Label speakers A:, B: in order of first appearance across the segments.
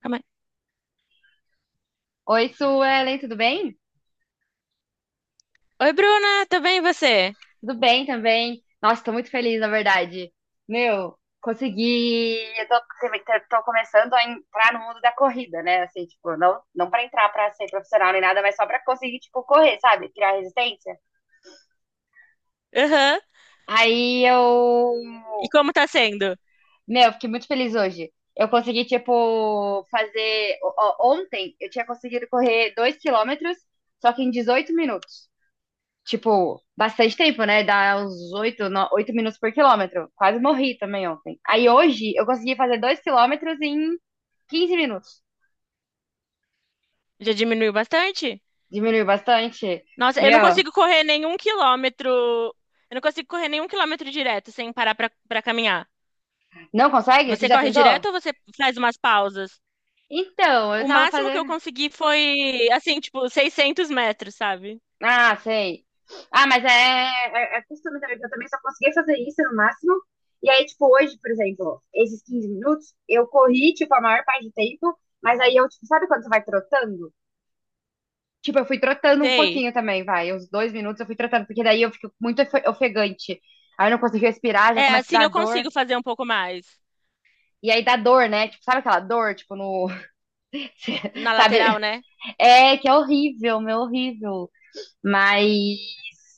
A: Calma aí.
B: Oi, Suelen, tudo bem?
A: Oi, Bruna, tudo bem e você?
B: Tudo bem também. Nossa, tô muito feliz, na verdade. Meu, consegui. Tô começando a entrar no mundo da corrida, né? Assim, tipo, não pra entrar pra ser profissional nem nada, mas só pra conseguir, tipo, correr, sabe? Criar resistência.
A: Aham.
B: Aí
A: E
B: eu.
A: como tá sendo?
B: Meu, fiquei muito feliz hoje. Eu consegui, tipo, fazer. Ó, ontem eu tinha conseguido correr 2 quilômetros, só que em 18 minutos. Tipo, bastante tempo, né? Dá uns 8, 8 minutos por quilômetro. Quase morri também ontem. Aí hoje eu consegui fazer 2 quilômetros em 15 minutos.
A: Já diminuiu bastante?
B: Diminuiu bastante.
A: Nossa, eu não
B: Meu,
A: consigo correr nenhum quilômetro. Eu não consigo correr nenhum quilômetro direto sem parar pra caminhar.
B: não consegue? Você
A: Você
B: já
A: corre
B: tentou?
A: direto ou você faz umas pausas?
B: Então, eu
A: O
B: tava
A: máximo que eu
B: fazendo.
A: consegui foi, assim, tipo, 600 metros, sabe?
B: Ah, sei. Ah, mas é costume também, que eu também só conseguia fazer isso no máximo. E aí, tipo, hoje, por exemplo, esses 15 minutos, eu corri, tipo, a maior parte do tempo, mas aí eu, tipo, sabe quando você vai trotando? Tipo, eu fui trotando um
A: Sei.
B: pouquinho também, vai. Uns 2 minutos eu fui trotando, porque daí eu fico muito ofegante. Aí eu não consigo respirar, já
A: É,
B: começa a
A: assim eu
B: dar dor.
A: consigo fazer um pouco mais.
B: E aí dá dor, né? Tipo, sabe aquela dor, tipo, no.
A: Na
B: Sabe?
A: lateral, né?
B: É, que é horrível, meu, horrível. Mas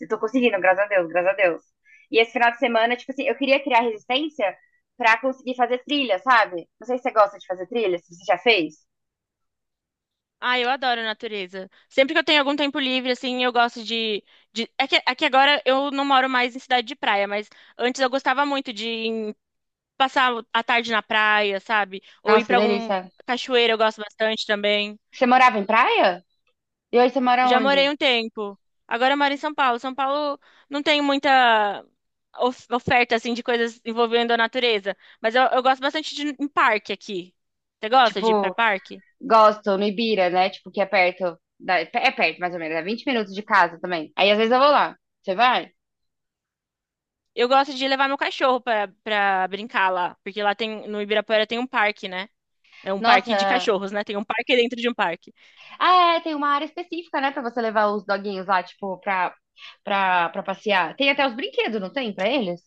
B: eu tô conseguindo, graças a Deus, graças a Deus. E esse final de semana, tipo assim, eu queria criar resistência pra conseguir fazer trilha, sabe? Não sei se você gosta de fazer trilha, se você já fez.
A: Ah, eu adoro a natureza. Sempre que eu tenho algum tempo livre, assim, eu gosto. É que agora eu não moro mais em cidade de praia, mas antes eu gostava muito de passar a tarde na praia, sabe? Ou ir
B: Nossa, que
A: pra algum
B: delícia.
A: cachoeira, eu gosto bastante também.
B: Você morava em praia? E hoje você mora
A: Já morei
B: onde?
A: um tempo. Agora eu moro em São Paulo. São Paulo não tem muita oferta, assim, de coisas envolvendo a natureza, mas eu gosto bastante de ir em parque aqui. Você gosta de ir pra
B: Tipo,
A: parque?
B: gosto, no Ibira, né? Tipo, que é perto. É perto, mais ou menos. É 20 minutos de casa também. Aí, às vezes, eu vou lá. Você vai?
A: Eu gosto de levar meu cachorro pra brincar lá, porque lá tem, no Ibirapuera tem um parque, né? É um parque de
B: Nossa.
A: cachorros, né? Tem um parque dentro de um parque.
B: Ah, é, tem uma área específica, né? Pra você levar os doguinhos lá, tipo, pra passear. Tem até os brinquedos, não tem? Pra eles?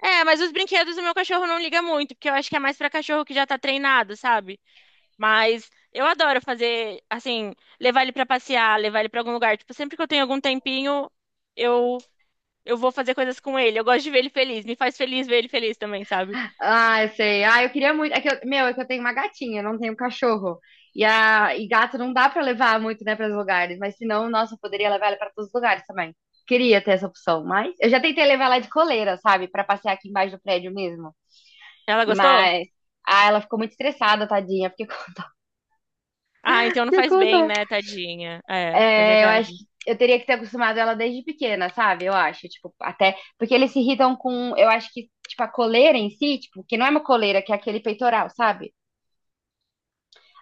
A: É, mas os brinquedos o meu cachorro não liga muito, porque eu acho que é mais pra cachorro que já tá treinado, sabe? Mas eu adoro fazer, assim, levar ele pra passear, levar ele pra algum lugar. Tipo, sempre que eu tenho algum tempinho, eu eu vou fazer coisas com ele. Eu gosto de ver ele feliz, me faz feliz ver ele feliz também, sabe?
B: Ah, eu sei. Ah, eu queria muito. É que meu, é que eu tenho uma gatinha, não tenho um cachorro. E, a, e gato não dá pra levar muito, né, para os lugares. Mas senão, nossa, eu poderia levar ela pra todos os lugares também. Queria ter essa opção, mas eu já tentei levar ela de coleira, sabe? Pra passear aqui embaixo do prédio mesmo.
A: Ela gostou?
B: Mas. Ah, ela ficou muito estressada, tadinha. Fiquei com dó.
A: Ah, então não
B: Fiquei
A: faz
B: com
A: bem,
B: dó.
A: né, tadinha? É, é
B: É, eu acho
A: verdade.
B: que eu teria que ter acostumado ela desde pequena, sabe? Eu acho, tipo, até. Porque eles se irritam com. Eu acho que, tipo, a coleira em si, tipo, que não é uma coleira, que é aquele peitoral, sabe?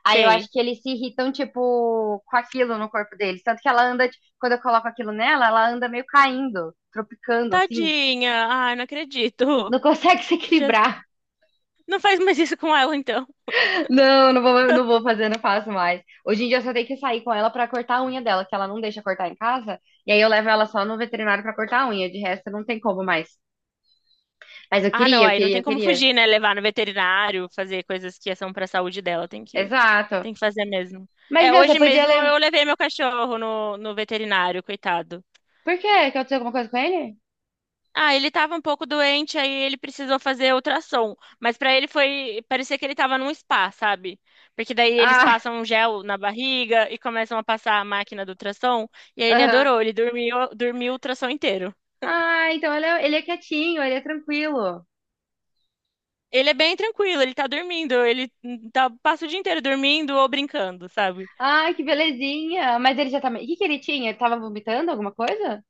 B: Aí eu acho
A: Sei.
B: que eles se irritam, tipo, com aquilo no corpo deles. Tanto que ela anda, tipo, quando eu coloco aquilo nela, ela anda meio caindo, tropicando, assim.
A: Tadinha. Ah, não acredito.
B: Não consegue se
A: Já...
B: equilibrar.
A: Não faz mais isso com ela, então.
B: Não, não vou fazer, não faço mais. Hoje em dia eu só tenho que sair com ela pra cortar a unha dela, que ela não deixa cortar em casa. E aí eu levo ela só no veterinário pra cortar a unha. De resto, não tem como mais. Mas eu
A: Ah, não,
B: queria, eu
A: aí não
B: queria,
A: tem
B: eu
A: como
B: queria.
A: fugir, né? Levar no veterinário, fazer coisas que são pra saúde dela, tem que
B: Exato.
A: tem que fazer mesmo.
B: Mas,
A: É,
B: meu, você
A: hoje
B: podia
A: mesmo
B: levar.
A: eu levei meu cachorro no veterinário, coitado.
B: Por quê? Que aconteceu alguma coisa com ele?
A: Ah, ele tava um pouco doente, aí ele precisou fazer ultrassom, mas pra ele foi, parecia que ele tava num spa, sabe? Porque daí eles
B: Ah,
A: passam um gel na barriga e começam a passar a máquina do ultrassom, e aí ele
B: aham.
A: adorou, ele dormiu, dormiu o ultrassom inteiro.
B: Ah, então ele é quietinho, ele é tranquilo.
A: Ele é bem tranquilo, ele tá dormindo, passa o dia inteiro dormindo ou brincando, sabe?
B: Ai, que belezinha. Mas ele já tá. O que que ele tinha? Ele tava vomitando alguma coisa?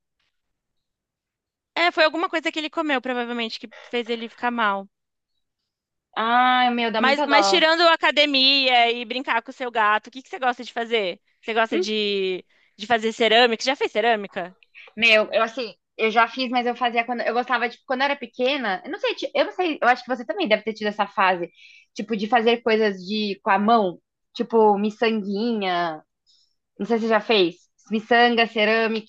A: É, foi alguma coisa que ele comeu, provavelmente, que fez ele ficar mal.
B: Ai, meu, dá
A: Mas,
B: muita
A: mas
B: dó.
A: tirando a academia e brincar com o seu gato, o que que você gosta de fazer? Você gosta de fazer cerâmica? Já fez cerâmica?
B: Meu, eu assim, eu já fiz, mas eu fazia quando eu gostava, tipo, quando eu era pequena. Eu não sei, eu não sei, eu acho que você também deve ter tido essa fase, tipo, de fazer coisas de com a mão, tipo, miçanguinha. Não sei se você já fez. Miçanga, cerâmica,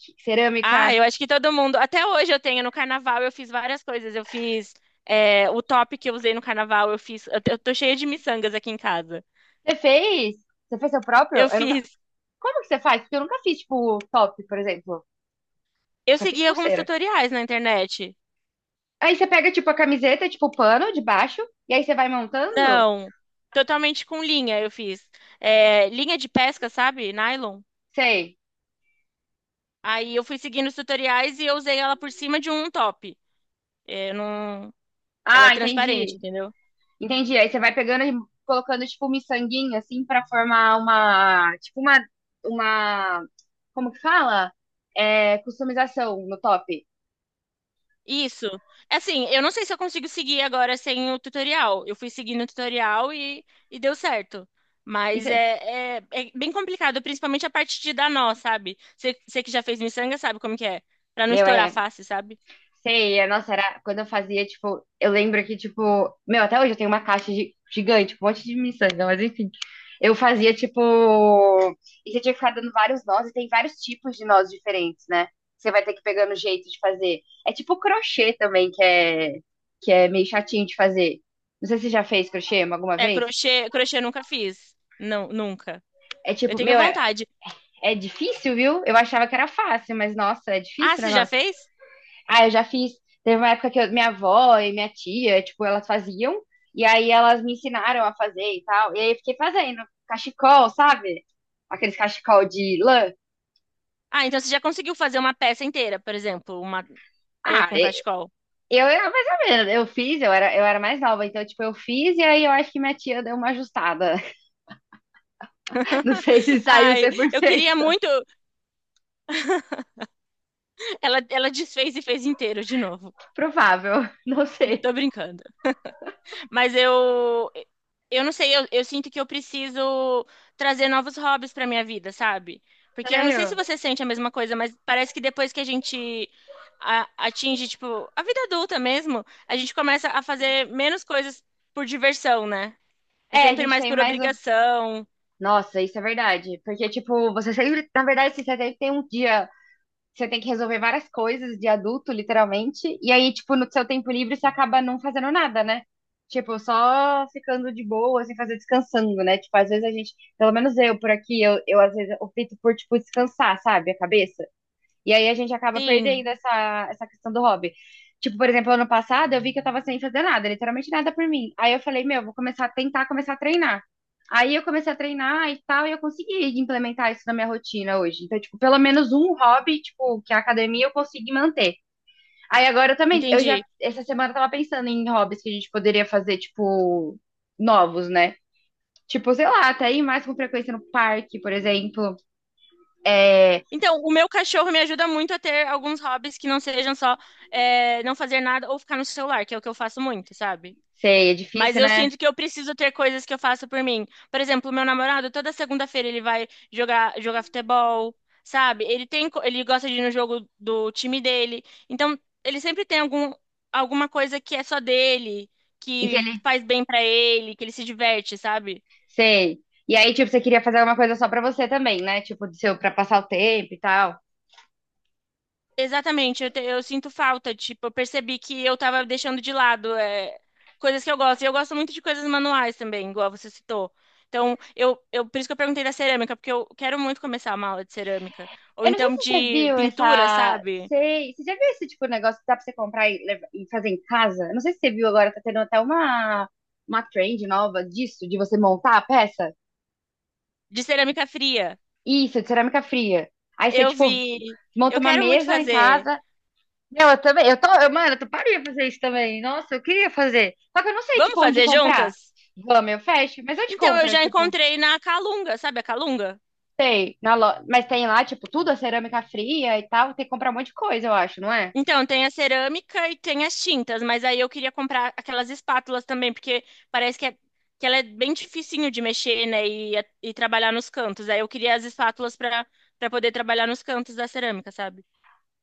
A: Ah,
B: cerâmica.
A: eu acho que todo mundo. Até hoje eu tenho. No carnaval eu fiz várias coisas. Eu fiz o top que eu usei no carnaval. Eu fiz. Eu tô cheia de miçangas aqui em casa.
B: Você fez? Você fez seu próprio?
A: Eu
B: Eu nunca...
A: fiz.
B: Como que você faz? Porque eu nunca fiz, tipo, top, por exemplo.
A: Eu
B: Só fiz
A: segui alguns
B: pulseira.
A: tutoriais na internet.
B: Aí você pega, tipo, a camiseta, tipo, o pano de baixo, e aí você vai montando?
A: Não, totalmente com linha eu fiz. É, linha de pesca, sabe? Nylon.
B: Sei.
A: Aí eu fui seguindo os tutoriais e eu usei ela por cima de um top. É, não... Ela é
B: Ah,
A: transparente,
B: entendi.
A: entendeu?
B: Entendi. Aí você vai pegando e colocando tipo um miçanguinho assim pra formar uma, tipo uma como que fala? É, customização no top.
A: Isso. Assim, eu não sei se eu consigo seguir agora sem o tutorial. Eu fui seguindo o tutorial e deu certo. Mas
B: Isso,
A: é bem complicado, principalmente a parte de dar nó, sabe? Você que já fez miçanga sabe como que é. Pra não
B: meu,
A: estourar
B: é.
A: fácil, sabe?
B: Sei, é, nossa, era quando eu fazia, tipo, eu lembro que, tipo, meu, até hoje eu tenho uma caixa gigante, um monte de miçanga, mas enfim. Eu fazia, tipo, e você tinha que ficar dando vários nós, e tem vários tipos de nós diferentes, né? Você vai ter que pegar no jeito de fazer. É tipo crochê também, que é meio chatinho de fazer. Não sei se você já fez crochê alguma
A: É,
B: vez.
A: crochê eu nunca fiz. Não, nunca.
B: É
A: Eu
B: tipo,
A: tenho
B: meu, é,
A: vontade.
B: é difícil, viu? Eu achava que era fácil, mas nossa, é
A: Ah,
B: difícil o.
A: você já fez?
B: Ah, eu já fiz. Teve uma época que minha avó e minha tia, tipo, elas faziam, e aí elas me ensinaram a fazer e tal. E aí eu fiquei fazendo cachecol, sabe? Aqueles cachecol de lã.
A: Ah, então você já conseguiu fazer uma peça inteira, por exemplo, uma touca,
B: Ah,
A: com cachecol.
B: eu era mais ou menos. Eu fiz, eu era mais nova, então, tipo, eu fiz, e aí eu acho que minha tia deu uma ajustada. Não sei se saiu
A: Ai,
B: cem por
A: eu queria
B: cento.
A: muito. Ela desfez e fez inteiro de novo.
B: Provável, não sei.
A: Tô brincando. Mas eu não sei, eu sinto que eu preciso trazer novos hobbies pra minha vida, sabe? Porque eu não sei se
B: Sério?
A: você sente a mesma coisa, mas parece que depois que a gente atinge, tipo, a vida adulta mesmo, a gente começa a fazer menos coisas por diversão, né? É
B: É, a
A: sempre
B: gente
A: mais
B: tem
A: por
B: mais. O-
A: obrigação.
B: Nossa, isso é verdade. Porque, tipo, você sempre, na verdade, você sempre tem um dia você tem que resolver várias coisas de adulto, literalmente. E aí, tipo, no seu tempo livre, você acaba não fazendo nada, né? Tipo, só ficando de boa, sem fazer descansando, né? Tipo, às vezes a gente, pelo menos eu por aqui, eu às vezes opto por, tipo, descansar, sabe? A cabeça. E aí a gente acaba
A: Sim.
B: perdendo essa, essa questão do hobby. Tipo, por exemplo, ano passado eu vi que eu tava sem fazer nada, literalmente nada por mim. Aí eu falei, meu, vou começar a tentar começar a treinar. Aí eu comecei a treinar e tal, e eu consegui implementar isso na minha rotina hoje. Então, tipo, pelo menos um hobby, tipo, que é a academia eu consegui manter. Aí agora eu também,
A: Entendi.
B: essa semana eu tava pensando em hobbies que a gente poderia fazer, tipo, novos, né? Tipo, sei lá, até ir mais com frequência no parque, por exemplo. É,
A: Então, o meu cachorro me ajuda muito a ter alguns hobbies que não sejam só não fazer nada ou ficar no celular, que é o que eu faço muito, sabe?
B: sei, é
A: Mas
B: difícil,
A: eu
B: né?
A: sinto que eu preciso ter coisas que eu faço por mim. Por exemplo, o meu namorado, toda segunda-feira ele vai jogar futebol, sabe? Ele tem, ele gosta de ir no jogo do time dele. Então, ele sempre tem alguma coisa que é só dele,
B: E que
A: que
B: é.
A: faz bem pra ele, que ele se diverte, sabe?
B: Sei. E aí, tipo, você queria fazer alguma coisa só pra você também, né? Tipo, do seu, pra passar o tempo e tal.
A: Exatamente, eu sinto falta, tipo, eu percebi que eu tava deixando de lado coisas que eu gosto. E eu gosto muito de coisas manuais também, igual você citou. Então, por isso que eu perguntei da cerâmica, porque eu quero muito começar uma aula de cerâmica. Ou
B: Eu não sei
A: então
B: se você
A: de
B: viu
A: pintura,
B: essa.
A: sabe?
B: Sei. Você já viu esse tipo de negócio que dá pra você comprar e, e fazer em casa? Eu não sei se você viu agora, tá tendo até uma trend nova disso, de você montar a peça.
A: De cerâmica fria.
B: Isso, de cerâmica fria. Aí você,
A: Eu
B: tipo,
A: vi, eu
B: monta uma
A: quero muito
B: mesa em
A: fazer.
B: casa. Meu, eu também. Eu tô. Eu, mano, eu tô paria fazer isso também. Nossa, eu queria fazer. Só que eu não sei,
A: Vamos
B: tipo, onde
A: fazer
B: comprar.
A: juntas?
B: Vamos, eu fecho. Mas eu te
A: Então, eu
B: compro,
A: já
B: tipo.
A: encontrei na Calunga, sabe a Calunga?
B: Sei, na lo... mas tem lá, tipo, tudo, a cerâmica fria e tal. Tem que comprar um monte de coisa, eu acho, não é?
A: Então, tem a cerâmica e tem as tintas, mas aí eu queria comprar aquelas espátulas também, porque parece que, que ela é bem dificinho de mexer, né, e trabalhar nos cantos. Aí eu queria as espátulas para poder trabalhar nos cantos da cerâmica, sabe?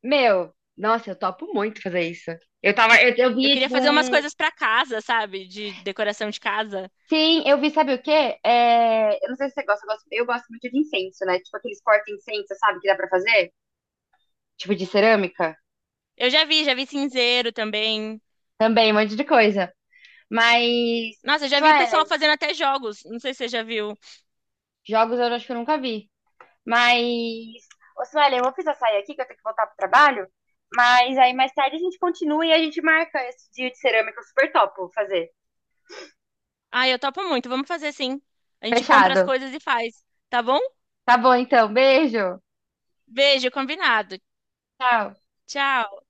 B: Meu, nossa, eu topo muito fazer isso. Eu tava, eu
A: Eu
B: vi,
A: queria
B: tipo,
A: fazer umas
B: um.
A: coisas para casa, sabe? De decoração de casa.
B: Sim, eu vi, sabe o quê? É, eu não sei se você gosta, eu gosto muito de incenso, né? Tipo, aqueles porta-incenso, sabe, que dá pra fazer? Tipo, de cerâmica.
A: Eu já vi cinzeiro também.
B: Também, um monte de coisa. Mas,
A: Nossa, eu já vi o pessoal
B: Suelen,
A: fazendo até jogos. Não sei se você já viu.
B: jogos eu acho que eu nunca vi. Mas, ô Sueli, eu vou precisar sair aqui, que eu tenho que voltar pro trabalho. Mas aí mais tarde a gente continua e a gente marca esse dia de cerâmica super top, vou fazer.
A: Ah, eu topo muito. Vamos fazer sim. A gente compra as
B: Fechado.
A: coisas e faz, tá bom?
B: Tá bom, então. Beijo.
A: Beijo, combinado.
B: Tchau.
A: Tchau.